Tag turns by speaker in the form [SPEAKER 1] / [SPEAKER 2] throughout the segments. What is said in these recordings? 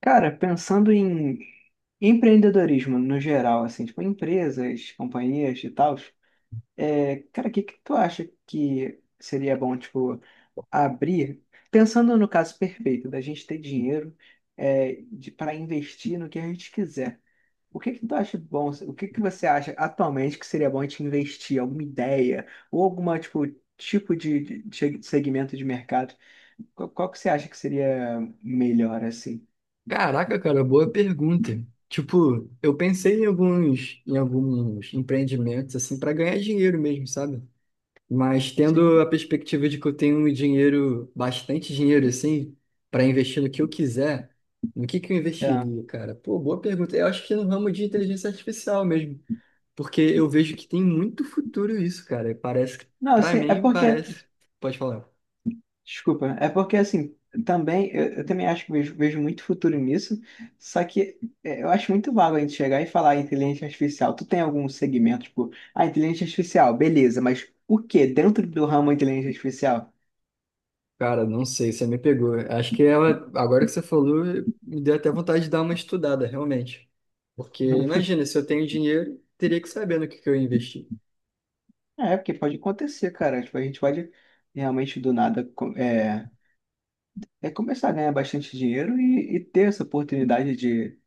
[SPEAKER 1] Cara, pensando em empreendedorismo no geral, assim, tipo empresas, companhias e tal, cara, o que que tu acha que seria bom, tipo, abrir? Pensando no caso perfeito, da gente ter dinheiro para investir no que a gente quiser. O que que tu acha bom? O que que você acha atualmente que seria bom a gente investir? Alguma ideia? Ou alguma, tipo, tipo de segmento de mercado? Qual que você acha que seria melhor, assim?
[SPEAKER 2] Caraca, cara, boa pergunta. Tipo, eu pensei em alguns empreendimentos assim para ganhar dinheiro mesmo, sabe? Mas tendo
[SPEAKER 1] Sim.
[SPEAKER 2] a perspectiva de que eu tenho um dinheiro, bastante dinheiro assim, para investir no que eu quiser, no que eu investiria, cara? Pô, boa pergunta. Eu acho que no ramo de inteligência artificial mesmo, porque eu vejo que tem muito futuro isso, cara. Parece,
[SPEAKER 1] Não,
[SPEAKER 2] para
[SPEAKER 1] assim, é
[SPEAKER 2] mim,
[SPEAKER 1] porque,
[SPEAKER 2] parece. Pode falar.
[SPEAKER 1] desculpa, é porque assim, também, eu também acho que vejo muito futuro nisso, só que eu acho muito vago a gente chegar e falar inteligência artificial. Tu tem algum segmento, tipo, ah, inteligência artificial, beleza, mas o que dentro do ramo inteligência artificial?
[SPEAKER 2] Cara, não sei, você me pegou. Acho que ela, agora que você falou, me deu até vontade de dar uma estudada, realmente. Porque imagina, se eu tenho dinheiro, teria que saber no que eu investi.
[SPEAKER 1] É, porque pode acontecer, cara, tipo, a gente pode realmente do nada é começar a ganhar bastante dinheiro e ter essa oportunidade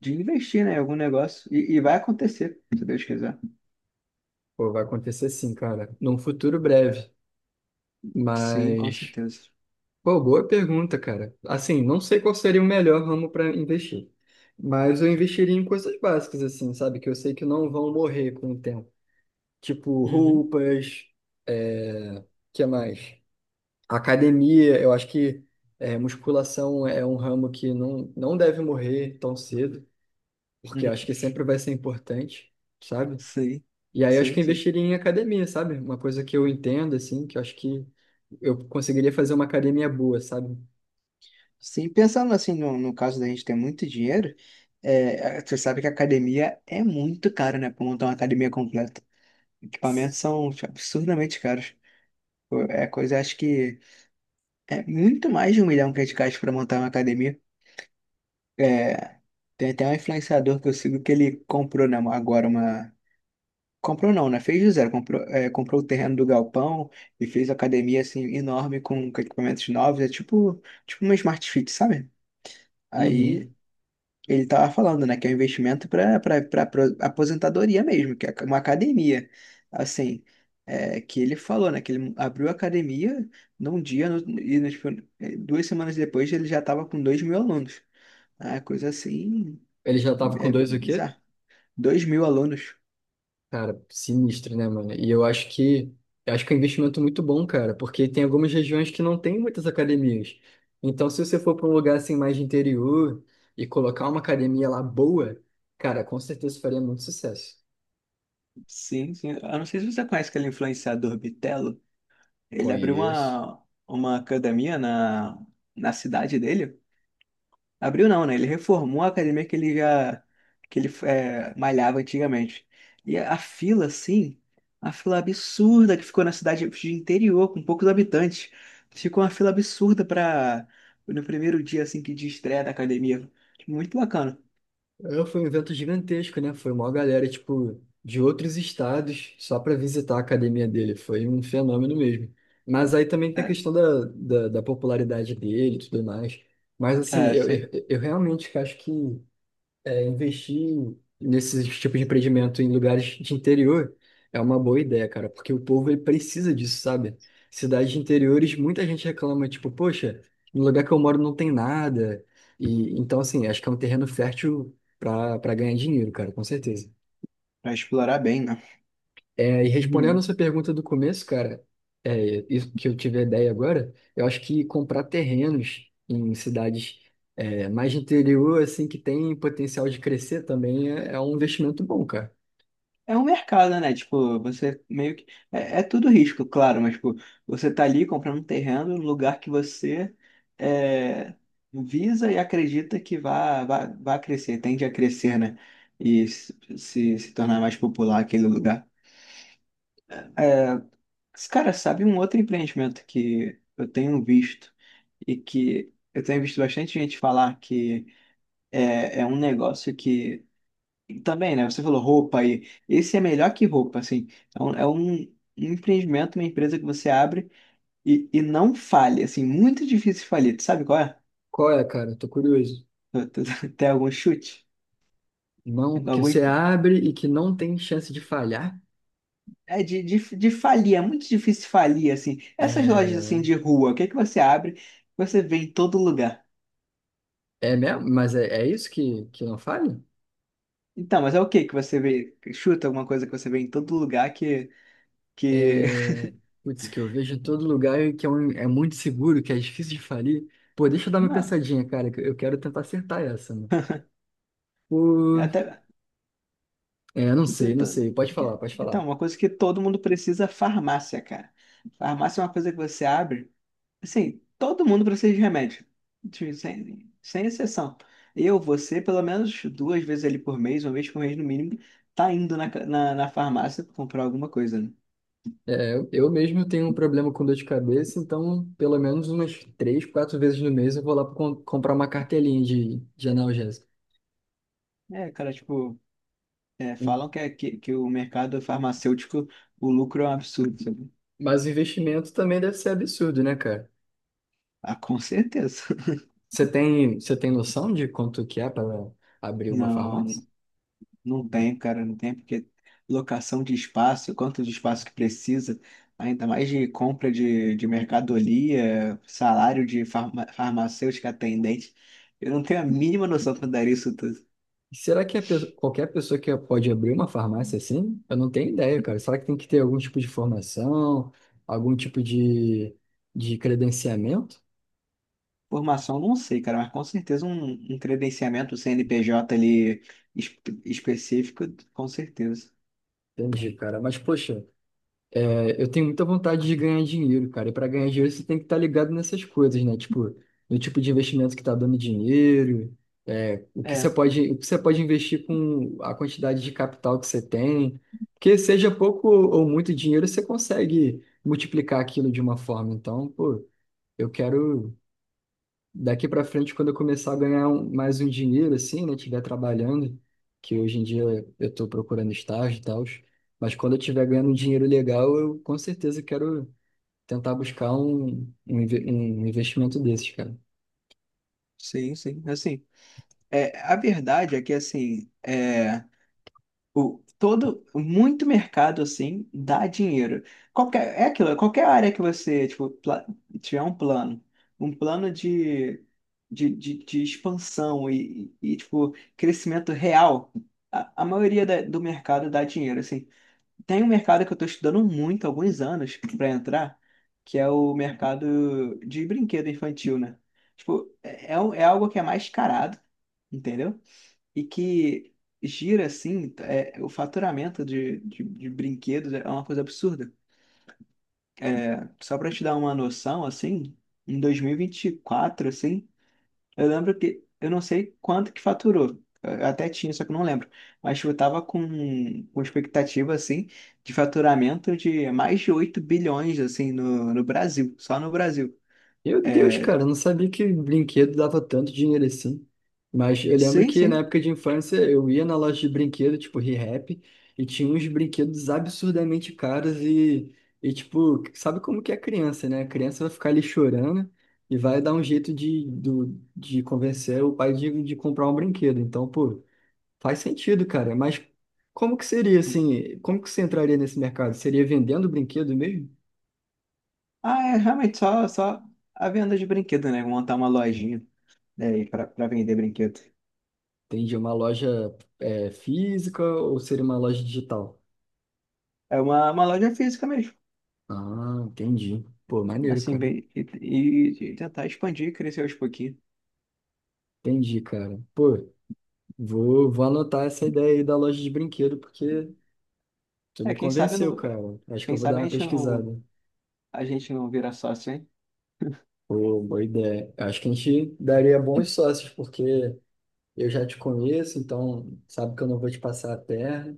[SPEAKER 1] de investir, né, em algum negócio, e vai acontecer, se Deus quiser.
[SPEAKER 2] Pô, vai acontecer sim, cara, num futuro breve.
[SPEAKER 1] Sim, com
[SPEAKER 2] Mas,
[SPEAKER 1] certeza.
[SPEAKER 2] pô, boa pergunta, cara. Assim, não sei qual seria o melhor ramo para investir. Mas eu investiria em coisas básicas, assim, sabe? Que eu sei que não vão morrer com o tempo. Tipo
[SPEAKER 1] Uhum.
[SPEAKER 2] roupas, é... que mais? A academia, eu acho que é, musculação é um ramo que não deve morrer tão cedo, porque eu
[SPEAKER 1] Uhum.
[SPEAKER 2] acho que sempre vai ser importante, sabe?
[SPEAKER 1] Sim,
[SPEAKER 2] E aí eu acho que
[SPEAKER 1] sim,
[SPEAKER 2] eu
[SPEAKER 1] sim.
[SPEAKER 2] investiria em academia, sabe? Uma coisa que eu entendo, assim, que eu acho que eu conseguiria fazer uma academia boa, sabe?
[SPEAKER 1] Sim, pensando assim, no caso da gente ter muito dinheiro, você sabe que a academia é muito cara, né? Pra montar uma academia completa. Equipamentos são tipo, absurdamente caros. Pô, é coisa, acho que é muito mais de um milhão que a gente gasta pra montar uma academia. É, tem até um influenciador que eu sigo que ele comprou, né, agora uma. Comprou não, né? Fez do zero. Comprou, é, comprou o terreno do galpão e fez academia assim enorme com equipamentos novos. É tipo, tipo uma Smart Fit, sabe? Aí
[SPEAKER 2] Uhum.
[SPEAKER 1] ele tava falando, né, que é um investimento para aposentadoria mesmo, que é uma academia. Assim, é, que ele falou, né, que ele abriu a academia num dia no- e no- tipo, é, duas semanas depois ele já tava com 2.000 alunos. Ah, coisa assim,
[SPEAKER 2] Ele já tava com
[SPEAKER 1] é
[SPEAKER 2] dois o quê?
[SPEAKER 1] bizarro. 2.000 alunos.
[SPEAKER 2] Cara, sinistro, né, mano? E eu acho que é um investimento muito bom, cara, porque tem algumas regiões que não tem muitas academias. Então, se você for para um lugar assim mais de interior e colocar uma academia lá boa, cara, com certeza faria muito sucesso.
[SPEAKER 1] Sim, sim. Eu não sei se você conhece aquele influenciador Bitelo. Ele abriu
[SPEAKER 2] Conheço.
[SPEAKER 1] uma academia na cidade dele. Abriu não, né? Ele reformou a academia que ele já que ele malhava antigamente. E a fila, assim, a fila absurda que ficou na cidade de interior, com poucos habitantes. Ficou uma fila absurda para no primeiro dia assim que de estreia da academia. Muito bacana.
[SPEAKER 2] É, foi um evento gigantesco, né? Foi uma galera, tipo, de outros estados só para visitar a academia dele. Foi um fenômeno mesmo. Mas aí também tem a
[SPEAKER 1] É,
[SPEAKER 2] questão da popularidade dele e tudo mais. Mas, assim,
[SPEAKER 1] é,
[SPEAKER 2] eu,
[SPEAKER 1] sim.
[SPEAKER 2] eu, eu realmente acho que é, investir nesses tipos de empreendimento em lugares de interior é uma boa ideia, cara, porque o povo ele precisa disso, sabe? Cidades de interiores, muita gente reclama, tipo, poxa, no lugar que eu moro não tem nada. E então, assim, acho que é um terreno fértil para ganhar dinheiro, cara, com certeza.
[SPEAKER 1] Vai explorar bem, né?
[SPEAKER 2] É, e respondendo
[SPEAKER 1] Uhum.
[SPEAKER 2] essa pergunta do começo, cara, é, isso que eu tive a ideia agora, eu acho que comprar terrenos em cidades é, mais de interior, assim, que tem potencial de crescer também é, é um investimento bom, cara.
[SPEAKER 1] É um mercado, né? Tipo, você meio que. É, é tudo risco, claro, mas, tipo, você tá ali comprando um terreno no lugar que você é, visa e acredita que vai vá, vá vá crescer, tende a crescer, né? E se, se tornar mais popular aquele lugar. Esse cara sabe um outro empreendimento que eu tenho visto e que eu tenho visto bastante gente falar que é um negócio que e também, né? Você falou roupa aí. Esse é melhor que roupa, assim. Um empreendimento, uma empresa que você abre e não falha, assim. Muito difícil falir. Tu sabe qual é?
[SPEAKER 2] Qual é, cara? Tô curioso.
[SPEAKER 1] Tu tem algum chute?
[SPEAKER 2] Não, que você
[SPEAKER 1] Algum...
[SPEAKER 2] abre e que não tem chance de falhar.
[SPEAKER 1] É de falir, é muito difícil falir, assim. Essas lojas,
[SPEAKER 2] É,
[SPEAKER 1] assim, de rua, o que é que você abre? Você vê em todo lugar.
[SPEAKER 2] é mesmo? Mas é, é isso que não falha?
[SPEAKER 1] Então, mas é o que que você vê? Chuta alguma coisa que você vê em todo lugar que...
[SPEAKER 2] É, putz, que eu vejo em todo lugar e que é, um- é muito seguro, que é difícil de falir. Pô, deixa eu dar uma
[SPEAKER 1] Não,
[SPEAKER 2] pensadinha, cara, que eu quero tentar acertar essa, né? Pô,
[SPEAKER 1] até...
[SPEAKER 2] é, não
[SPEAKER 1] Que tu-
[SPEAKER 2] sei, não sei.
[SPEAKER 1] tu-
[SPEAKER 2] Pode falar,
[SPEAKER 1] que-
[SPEAKER 2] pode
[SPEAKER 1] Então,
[SPEAKER 2] falar.
[SPEAKER 1] uma coisa que todo mundo precisa é farmácia, cara. Farmácia é uma coisa que você abre. Assim, todo mundo precisa de remédio. Sem exceção. Eu, você, pelo menos duas vezes ali por mês, uma vez por mês no mínimo, tá indo na farmácia pra comprar alguma coisa, né?
[SPEAKER 2] É, eu mesmo tenho um problema com dor de cabeça, então pelo menos umas três, quatro vezes no mês eu vou lá com- comprar uma cartelinha de analgésico.
[SPEAKER 1] É, cara, tipo, falam que, que o mercado farmacêutico, o lucro é um absurdo, sabe?
[SPEAKER 2] Mas o investimento também deve ser absurdo, né, cara?
[SPEAKER 1] Ah, com certeza.
[SPEAKER 2] Você tem noção de quanto que é para abrir uma
[SPEAKER 1] Não.
[SPEAKER 2] farmácia?
[SPEAKER 1] Não tem, cara, não tem, porque locação de espaço, quanto de espaço que precisa, ainda mais de compra de mercadoria, salário de farmacêutica atendente. Eu não tenho a mínima noção para dar isso tudo.
[SPEAKER 2] Será que a pesso- qualquer pessoa que pode abrir uma farmácia assim? Eu não tenho ideia, cara. Será que tem que ter algum tipo de formação, algum tipo de credenciamento?
[SPEAKER 1] Formação, não sei, cara, mas com certeza um credenciamento CNPJ ali es- específico, com certeza.
[SPEAKER 2] Entendi, cara. Mas, poxa, é, eu tenho muita vontade de ganhar dinheiro, cara. E para ganhar dinheiro você tem que estar ligado nessas coisas, né? Tipo, no tipo de investimento que está dando dinheiro, é, o que você
[SPEAKER 1] É,
[SPEAKER 2] pode, o que você pode investir com a quantidade de capital que você tem. Porque seja pouco ou muito dinheiro, você consegue multiplicar aquilo de uma forma. Então, pô. Eu quero daqui para frente quando eu começar a ganhar um- mais um dinheiro assim, né, tiver trabalhando, que hoje em dia eu estou procurando estágio e tal, mas quando eu tiver ganhando um dinheiro legal, eu com certeza quero tentar buscar inve- um investimento desses, cara.
[SPEAKER 1] sim, sim. Assim, é, a verdade é que, assim, muito mercado assim dá dinheiro. Qualquer, é aquilo, é qualquer área que você, tipo, tiver um plano de expansão tipo, crescimento real, a maioria do mercado dá dinheiro, assim. Tem um mercado que eu tô estudando muito, há alguns anos, para entrar, que é o mercado de brinquedo infantil, né? Tipo, é algo que é mais carado, entendeu? E que gira assim, é, o faturamento de brinquedos é uma coisa absurda. É, só para te dar uma noção, assim, em dois mil e vinte e quatro assim, eu lembro que eu não sei quanto que faturou. Eu até tinha, só que eu não lembro. Mas eu tava com expectativa, assim, de faturamento de mais de 8 bilhões, assim, no Brasil, só no Brasil.
[SPEAKER 2] Meu Deus,
[SPEAKER 1] É,
[SPEAKER 2] cara, eu não sabia que brinquedo dava tanto dinheiro assim. Mas eu lembro
[SPEAKER 1] sim,
[SPEAKER 2] que na
[SPEAKER 1] sim.
[SPEAKER 2] época de infância eu ia na loja de brinquedo, tipo Rehap, e tinha uns brinquedos absurdamente caros e tipo, sabe como que é criança, né? A criança vai ficar ali chorando e vai dar um jeito de, do, de convencer o pai de comprar um brinquedo. Então, pô, faz sentido, cara. Mas como que seria assim? Como que você entraria nesse mercado? Seria vendendo brinquedo mesmo?
[SPEAKER 1] Ah, é realmente só a venda de brinquedo, né? Montar uma lojinha, né, para vender brinquedo.
[SPEAKER 2] Entendi. Uma loja é, física ou seria uma loja digital?
[SPEAKER 1] É uma loja física mesmo,
[SPEAKER 2] Ah, entendi. Pô, maneiro,
[SPEAKER 1] assim,
[SPEAKER 2] cara.
[SPEAKER 1] bem, e tentar expandir, crescer aos pouquinhos.
[SPEAKER 2] Entendi, cara. Pô, vou anotar essa ideia aí da loja de brinquedo, porque tu
[SPEAKER 1] É,
[SPEAKER 2] me convenceu, cara. Acho que
[SPEAKER 1] quem
[SPEAKER 2] eu vou dar
[SPEAKER 1] sabe
[SPEAKER 2] uma pesquisada.
[SPEAKER 1] a gente não vira sócio, hein?
[SPEAKER 2] Pô, boa ideia. Acho que a gente daria bons sócios, porque eu já te conheço, então sabe que eu não vou te passar a perna.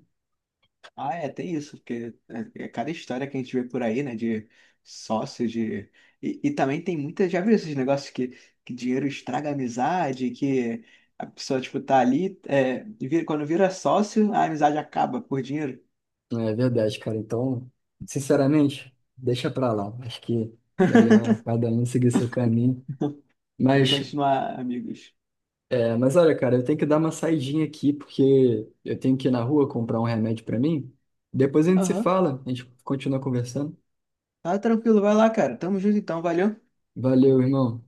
[SPEAKER 1] Ah, é, tem isso, porque é, é cada história que a gente vê por aí, né, de sócio, de... E, e também tem muita, já viu esses negócios que dinheiro estraga a amizade, que a pessoa, tipo, tá ali, é, e vira- quando vira sócio, a amizade acaba por dinheiro
[SPEAKER 2] É verdade, cara. Então, sinceramente, deixa pra lá. Acho que melhor cada um seguir seu caminho.
[SPEAKER 1] e
[SPEAKER 2] Mas
[SPEAKER 1] continuar amigos.
[SPEAKER 2] é, mas olha, cara, eu tenho que dar uma saidinha aqui porque eu tenho que ir na rua comprar um remédio pra mim. Depois a gente se
[SPEAKER 1] Aham.
[SPEAKER 2] fala, a gente continua conversando.
[SPEAKER 1] Tá tranquilo, vai lá, cara. Tamo junto então, valeu.
[SPEAKER 2] Valeu, irmão.